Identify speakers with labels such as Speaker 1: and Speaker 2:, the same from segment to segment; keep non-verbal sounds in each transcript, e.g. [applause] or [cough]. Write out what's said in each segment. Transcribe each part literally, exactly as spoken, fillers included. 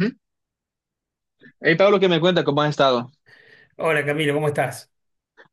Speaker 1: Hey Pablo, qué me cuenta, ¿cómo has estado?
Speaker 2: Hola Camilo, ¿cómo estás?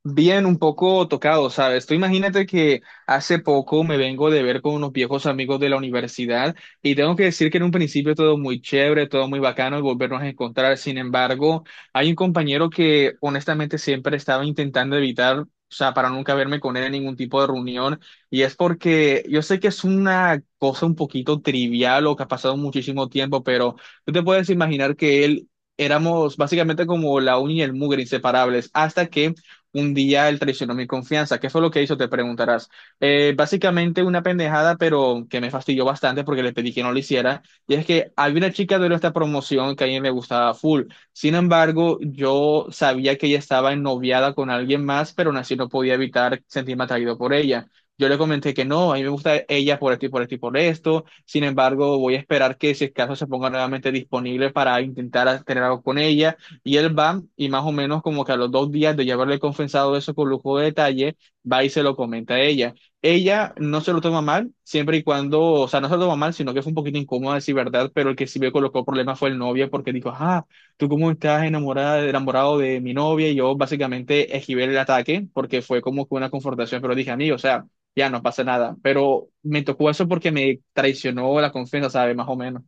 Speaker 1: Bien, un poco tocado, ¿sabes? Tú imagínate que hace poco me vengo de ver con unos viejos amigos de la universidad y tengo que decir que en un principio todo muy chévere, todo muy bacano y volvernos a encontrar. Sin embargo, hay un compañero que honestamente siempre estaba intentando evitar, o sea, para nunca verme con él en ningún tipo de reunión, y es porque yo sé que es una cosa un poquito trivial o que ha pasado muchísimo tiempo, pero tú te puedes imaginar que él... Éramos básicamente como la uña y el mugre, inseparables, hasta que un día él traicionó mi confianza. ¿Qué fue lo que hizo? Te preguntarás. Eh, básicamente una pendejada, pero que me fastidió bastante porque le pedí que no lo hiciera. Y es que había una chica de nuestra promoción que a mí me gustaba full. Sin embargo, yo sabía que ella estaba ennoviada con alguien más, pero aún así no podía evitar sentirme atraído por ella. Yo le comenté que no, a mí me gusta ella por esto y por esto y por esto. Sin embargo, voy a esperar que si es caso se ponga nuevamente disponible para intentar tener algo con ella, y él va y más o menos como que a los dos días de ya haberle confesado eso con lujo de detalle, va y se lo comenta a ella. Ella no se lo toma mal, siempre y cuando, o sea, no se lo toma mal, sino que fue un poquito incómoda, decir verdad, pero el que sí me colocó problemas fue el novio porque dijo, ah, tú cómo estás enamorada, enamorado de mi novia, y yo básicamente esquivé el ataque porque fue como que una confrontación, pero dije, a mí, o sea, ya no pasa nada, pero me tocó eso porque me traicionó la confianza, ¿sabes? Más o menos.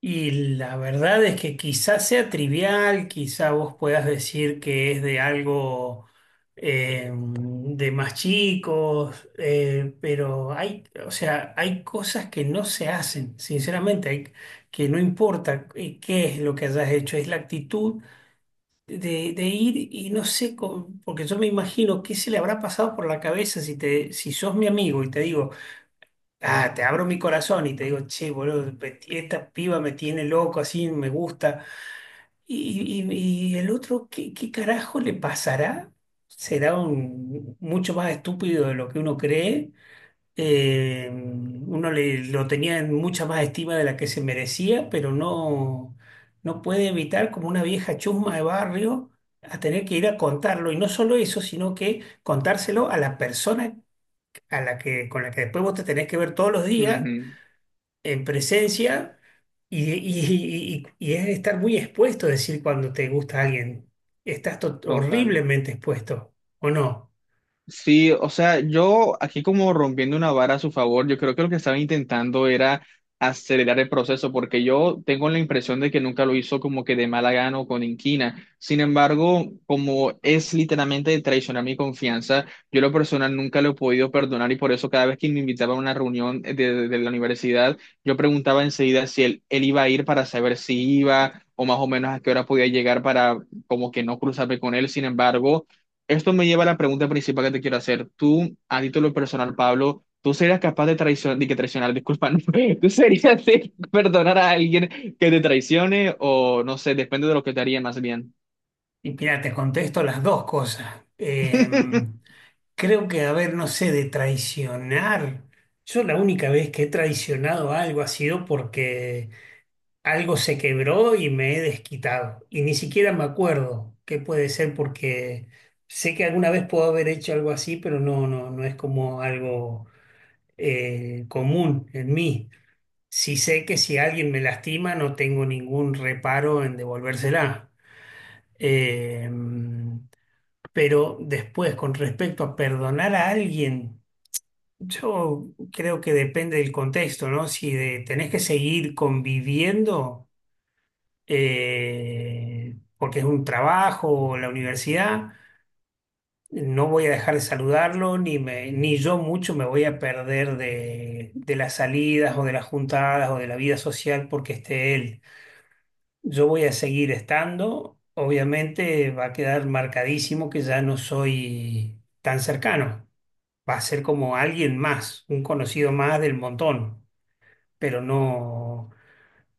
Speaker 2: Y la verdad es que quizás sea trivial, quizá vos puedas decir que es de algo eh, de más chicos, eh, pero hay, o sea, hay cosas que no se hacen, sinceramente, hay- que no importa eh, qué es lo que hayas hecho, es la actitud de, de ir y no sé, con- porque yo me imagino qué se le habrá pasado por la cabeza si te, si sos mi amigo y te digo. Ah, te abro mi corazón y te digo, che, boludo, pe- esta piba me tiene loco, así me gusta. Y, y- y el otro, ¿qué, qué carajo le pasará? Será un, mucho más estúpido de lo que uno cree. Eh, uno le, lo tenía en mucha más estima de la que se merecía, pero no, no puede evitar, como una vieja chusma de barrio, a tener que ir a contarlo. Y no solo eso, sino que contárselo a la persona a la que, con la que después vos te tenés que ver todos los días
Speaker 1: Ujú.
Speaker 2: en presencia, y, y- y- y es estar muy expuesto, decir cuando te gusta alguien. Estás to-
Speaker 1: Total.
Speaker 2: horriblemente expuesto, ¿o no?
Speaker 1: Sí, o sea, yo aquí como rompiendo una vara a su favor, yo creo que lo que estaba intentando era acelerar el proceso, porque yo tengo la impresión de que nunca lo hizo como que de mala gana o con inquina. Sin embargo, como es literalmente traicionar mi confianza, yo a lo personal nunca lo he podido perdonar, y por eso cada vez que me invitaba a una reunión de, de- de la universidad, yo preguntaba enseguida si él, él iba a ir para saber si iba o más o menos a qué hora podía llegar para como que no cruzarme con él. Sin embargo... Esto me lleva a la pregunta principal que te quiero hacer. Tú, a título personal, Pablo, ¿tú serías capaz de traicionar, de que traicionar, disculpa, no, [laughs] ¿tú serías de perdonar a alguien que te traicione, o no sé, depende de lo que te haría más bien?
Speaker 2: Y mira, te contesto las dos cosas. Eh,
Speaker 1: [laughs]
Speaker 2: creo que, a ver, no sé, de traicionar. Yo la única vez que he traicionado algo ha sido porque algo se quebró y me he desquitado. Y ni siquiera me acuerdo qué puede ser porque sé que alguna vez puedo haber hecho algo así, pero no, no, no es como algo eh, común en mí. Si sé que si alguien me lastima, no tengo ningún reparo en devolvérsela. Eh, pero después, con respecto a perdonar a alguien, yo creo que depende del contexto, ¿no? Si de- Tenés que seguir conviviendo, eh, porque es un trabajo o la universidad. No voy a dejar de saludarlo, ni me, ni yo mucho me voy a perder de, de las salidas o de las juntadas o de la vida social porque esté él. Yo voy a seguir estando. Obviamente va a quedar marcadísimo que ya no soy tan cercano. Va a ser como alguien más, un conocido más del montón, pero no,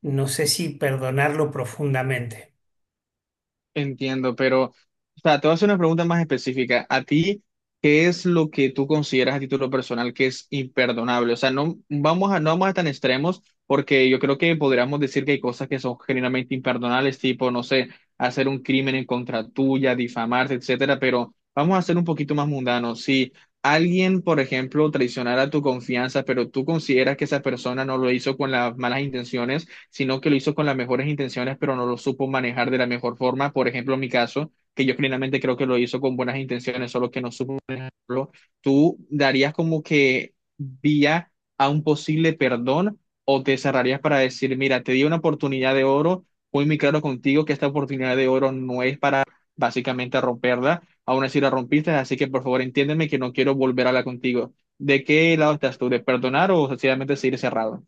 Speaker 2: no sé si perdonarlo profundamente.
Speaker 1: Entiendo, pero o sea, te voy a hacer una pregunta más específica. ¿A ti qué es lo que tú consideras a título personal que es imperdonable? O sea, no vamos a, no vamos a tan extremos porque yo creo que podríamos decir que hay cosas que son genuinamente imperdonables, tipo, no sé, hacer un crimen en contra tuya, difamarte, etcétera, pero vamos a ser un poquito más mundanos. Si alguien, por ejemplo, traicionara tu confianza, pero tú consideras que esa persona no lo hizo con las malas intenciones, sino que lo hizo con las mejores intenciones, pero no lo supo manejar de la mejor forma. Por ejemplo, en mi caso, que yo plenamente creo que lo hizo con buenas intenciones, solo que no supo manejarlo. ¿Tú darías como que vía a un posible perdón, o te cerrarías para decir, mira, te di una oportunidad de oro, fui muy claro contigo que esta oportunidad de oro no es para básicamente romperla, aún así la rompiste, así que por favor entiéndeme que no quiero volver a hablar contigo? ¿De qué lado estás tú? ¿De perdonar o sencillamente seguir cerrado?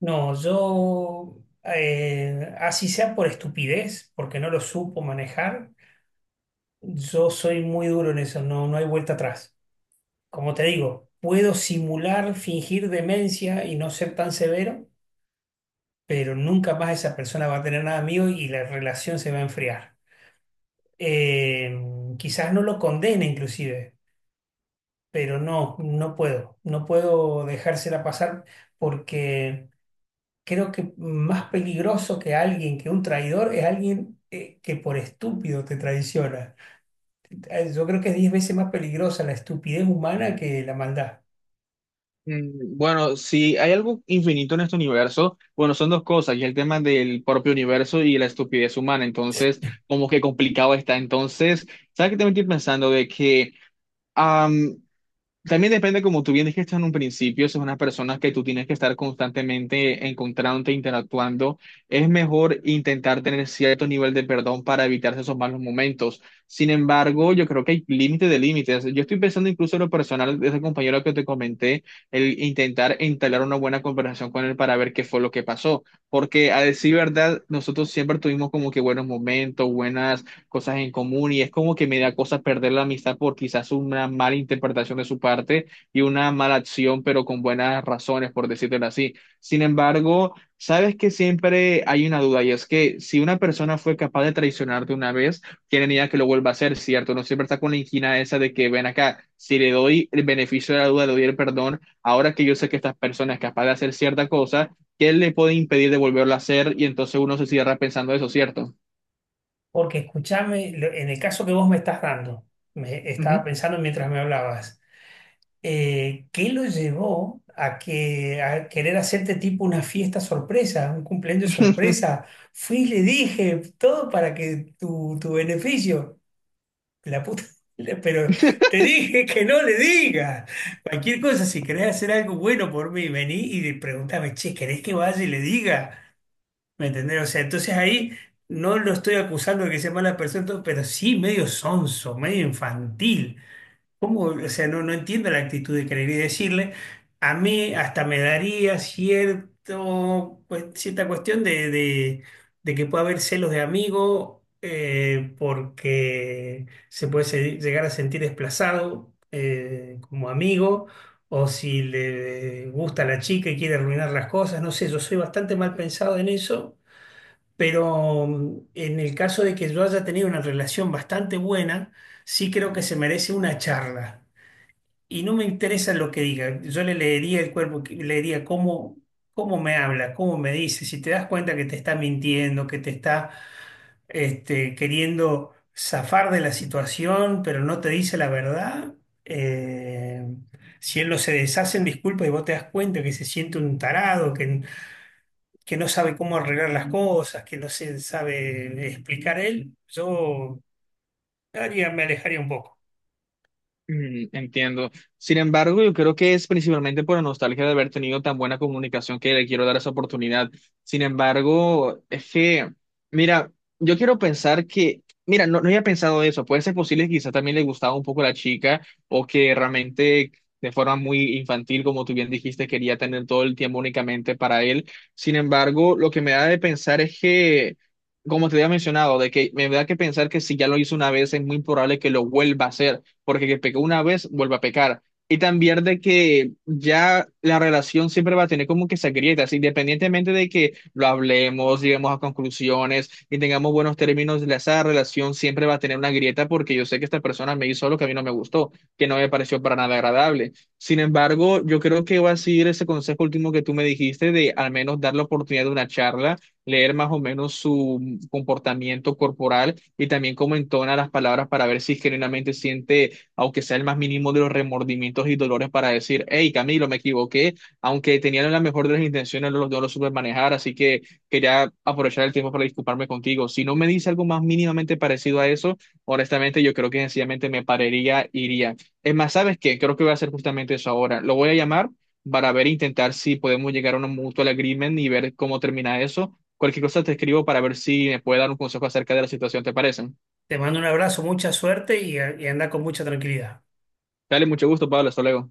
Speaker 2: No, yo, eh, así sea por estupidez, porque no lo supo manejar. Yo soy muy duro en eso, no, no hay vuelta atrás. Como te digo, puedo simular, fingir demencia y no ser tan severo, pero nunca más esa persona va a tener nada mío y la relación se va a enfriar. Eh, quizás no lo condene inclusive, pero no, no puedo, no puedo dejársela pasar porque creo que más peligroso que alguien, que un traidor, es alguien eh, que por estúpido te traiciona. Eh, yo creo que es diez veces más peligrosa la estupidez humana que la maldad.
Speaker 1: Mm, bueno, si hay algo infinito en este universo, bueno, son dos cosas, y el tema del propio universo y la estupidez humana, entonces, como que complicado está. Entonces, ¿sabes qué? También estoy pensando de que, también depende, como tú bien dijiste en un principio, si es una persona que tú tienes que estar constantemente encontrándote, interactuando, es mejor intentar tener cierto nivel de perdón para evitarse esos malos momentos. Sin embargo, yo creo que hay límites de límites. Yo estoy pensando incluso en lo personal de ese compañero que te comenté, el intentar entablar una buena conversación con él para ver qué fue lo que pasó. Porque a decir verdad, nosotros siempre tuvimos como que buenos momentos, buenas cosas en común, y es como que me da cosa perder la amistad por quizás una mala interpretación de su parte y una mala acción, pero con buenas razones, por decirlo así. Sin embargo, sabes que siempre hay una duda, y es que si una persona fue capaz de traicionarte una vez, tiene idea que lo vuelva a hacer, ¿cierto? No siempre está con la inquina esa de que ven acá, si le doy el beneficio de la duda, le doy el perdón, ahora que yo sé que esta persona es capaz de hacer cierta cosa, ¿qué le puede impedir de volverlo a hacer? Y entonces uno se cierra pensando eso, ¿cierto?
Speaker 2: Porque escúchame, lo- en el caso que vos me estás dando, me estaba pensando mientras me hablabas, eh, ¿qué lo llevó a, que, a querer hacerte tipo una fiesta sorpresa, un cumpleaños
Speaker 1: Ujú.
Speaker 2: sorpresa? Fui y le dije todo para que tu, tu beneficio, la puta, [laughs] pero
Speaker 1: [laughs]
Speaker 2: te dije que no le digas. Cualquier cosa, si querés hacer algo bueno por mí, vení y pregúntame, che, ¿querés que vaya y le diga? ¿Me entendés? O sea, entonces ahí no lo estoy acusando de que sea mala persona, todo, pero sí medio sonso, medio infantil. ¿Cómo? O sea, no, no entiendo la actitud de querer y decirle. A mí hasta me daría cierto, pues, cierta cuestión de, de- de que pueda haber celos de amigo, eh, porque se puede se- llegar a sentir desplazado eh, como amigo, o si le gusta a la chica y quiere arruinar las cosas, no sé, yo soy bastante mal pensado en eso, pero mm, en el caso de que yo haya tenido una relación bastante buena, sí creo que se merece una charla. Y no me interesa lo que diga. Yo le leería el cuerpo, que- leería cómo, cómo me habla, cómo me dice. Si te das cuenta que te está mintiendo, que te está este, queriendo zafar de la situación, pero no te dice la verdad. eh, si él no se deshace en disculpas y vos te das cuenta que se siente un tarado, que, que no sabe cómo arreglar las cosas, que no se sabe explicar él, yo haría- me alejaría un poco.
Speaker 1: Mm, entiendo. Sin embargo, yo creo que es principalmente por la nostalgia de haber tenido tan buena comunicación que le quiero dar esa oportunidad. Sin embargo, es que, mira, yo quiero pensar que, mira, no, no había pensado eso. Puede ser posible que quizá también le gustaba un poco la chica, o que realmente de forma muy infantil, como tú bien dijiste, quería tener todo el tiempo únicamente para él. Sin embargo, lo que me da de pensar es que... Como te había mencionado, de que me da que pensar que si ya lo hizo una vez es muy probable que lo vuelva a hacer, porque que pecó una vez vuelve a pecar. Y también de que ya la relación siempre va a tener como que esas grietas, independientemente de que lo hablemos, lleguemos a conclusiones y tengamos buenos términos, la- esa relación siempre va a tener una grieta porque yo sé que esta persona me hizo lo que a mí no me gustó, que no me pareció para nada agradable. Sin embargo, yo creo que va a seguir ese consejo último que tú me dijiste de al menos dar la oportunidad de una charla, leer más o menos su comportamiento corporal y también cómo entona las palabras para ver si genuinamente siente aunque sea el más mínimo de los remordimientos y dolores para decir, hey, Camilo, me equivoqué, aunque tenían la mejor de las intenciones, no lo, no lo supe manejar, así que quería aprovechar el tiempo para disculparme contigo. Si no me dice algo más mínimamente parecido a eso, honestamente, yo creo que sencillamente me pararía, iría. Es más, ¿sabes qué? Creo que voy a hacer justamente eso ahora. Lo voy a llamar para ver, intentar si podemos llegar a un mutual agreement y ver cómo termina eso. Cualquier cosa te escribo para ver si me puede dar un consejo acerca de la situación, ¿te parece?
Speaker 2: Te mando un abrazo, mucha suerte y, y anda con mucha tranquilidad.
Speaker 1: Dale, mucho gusto, Pablo. Hasta luego.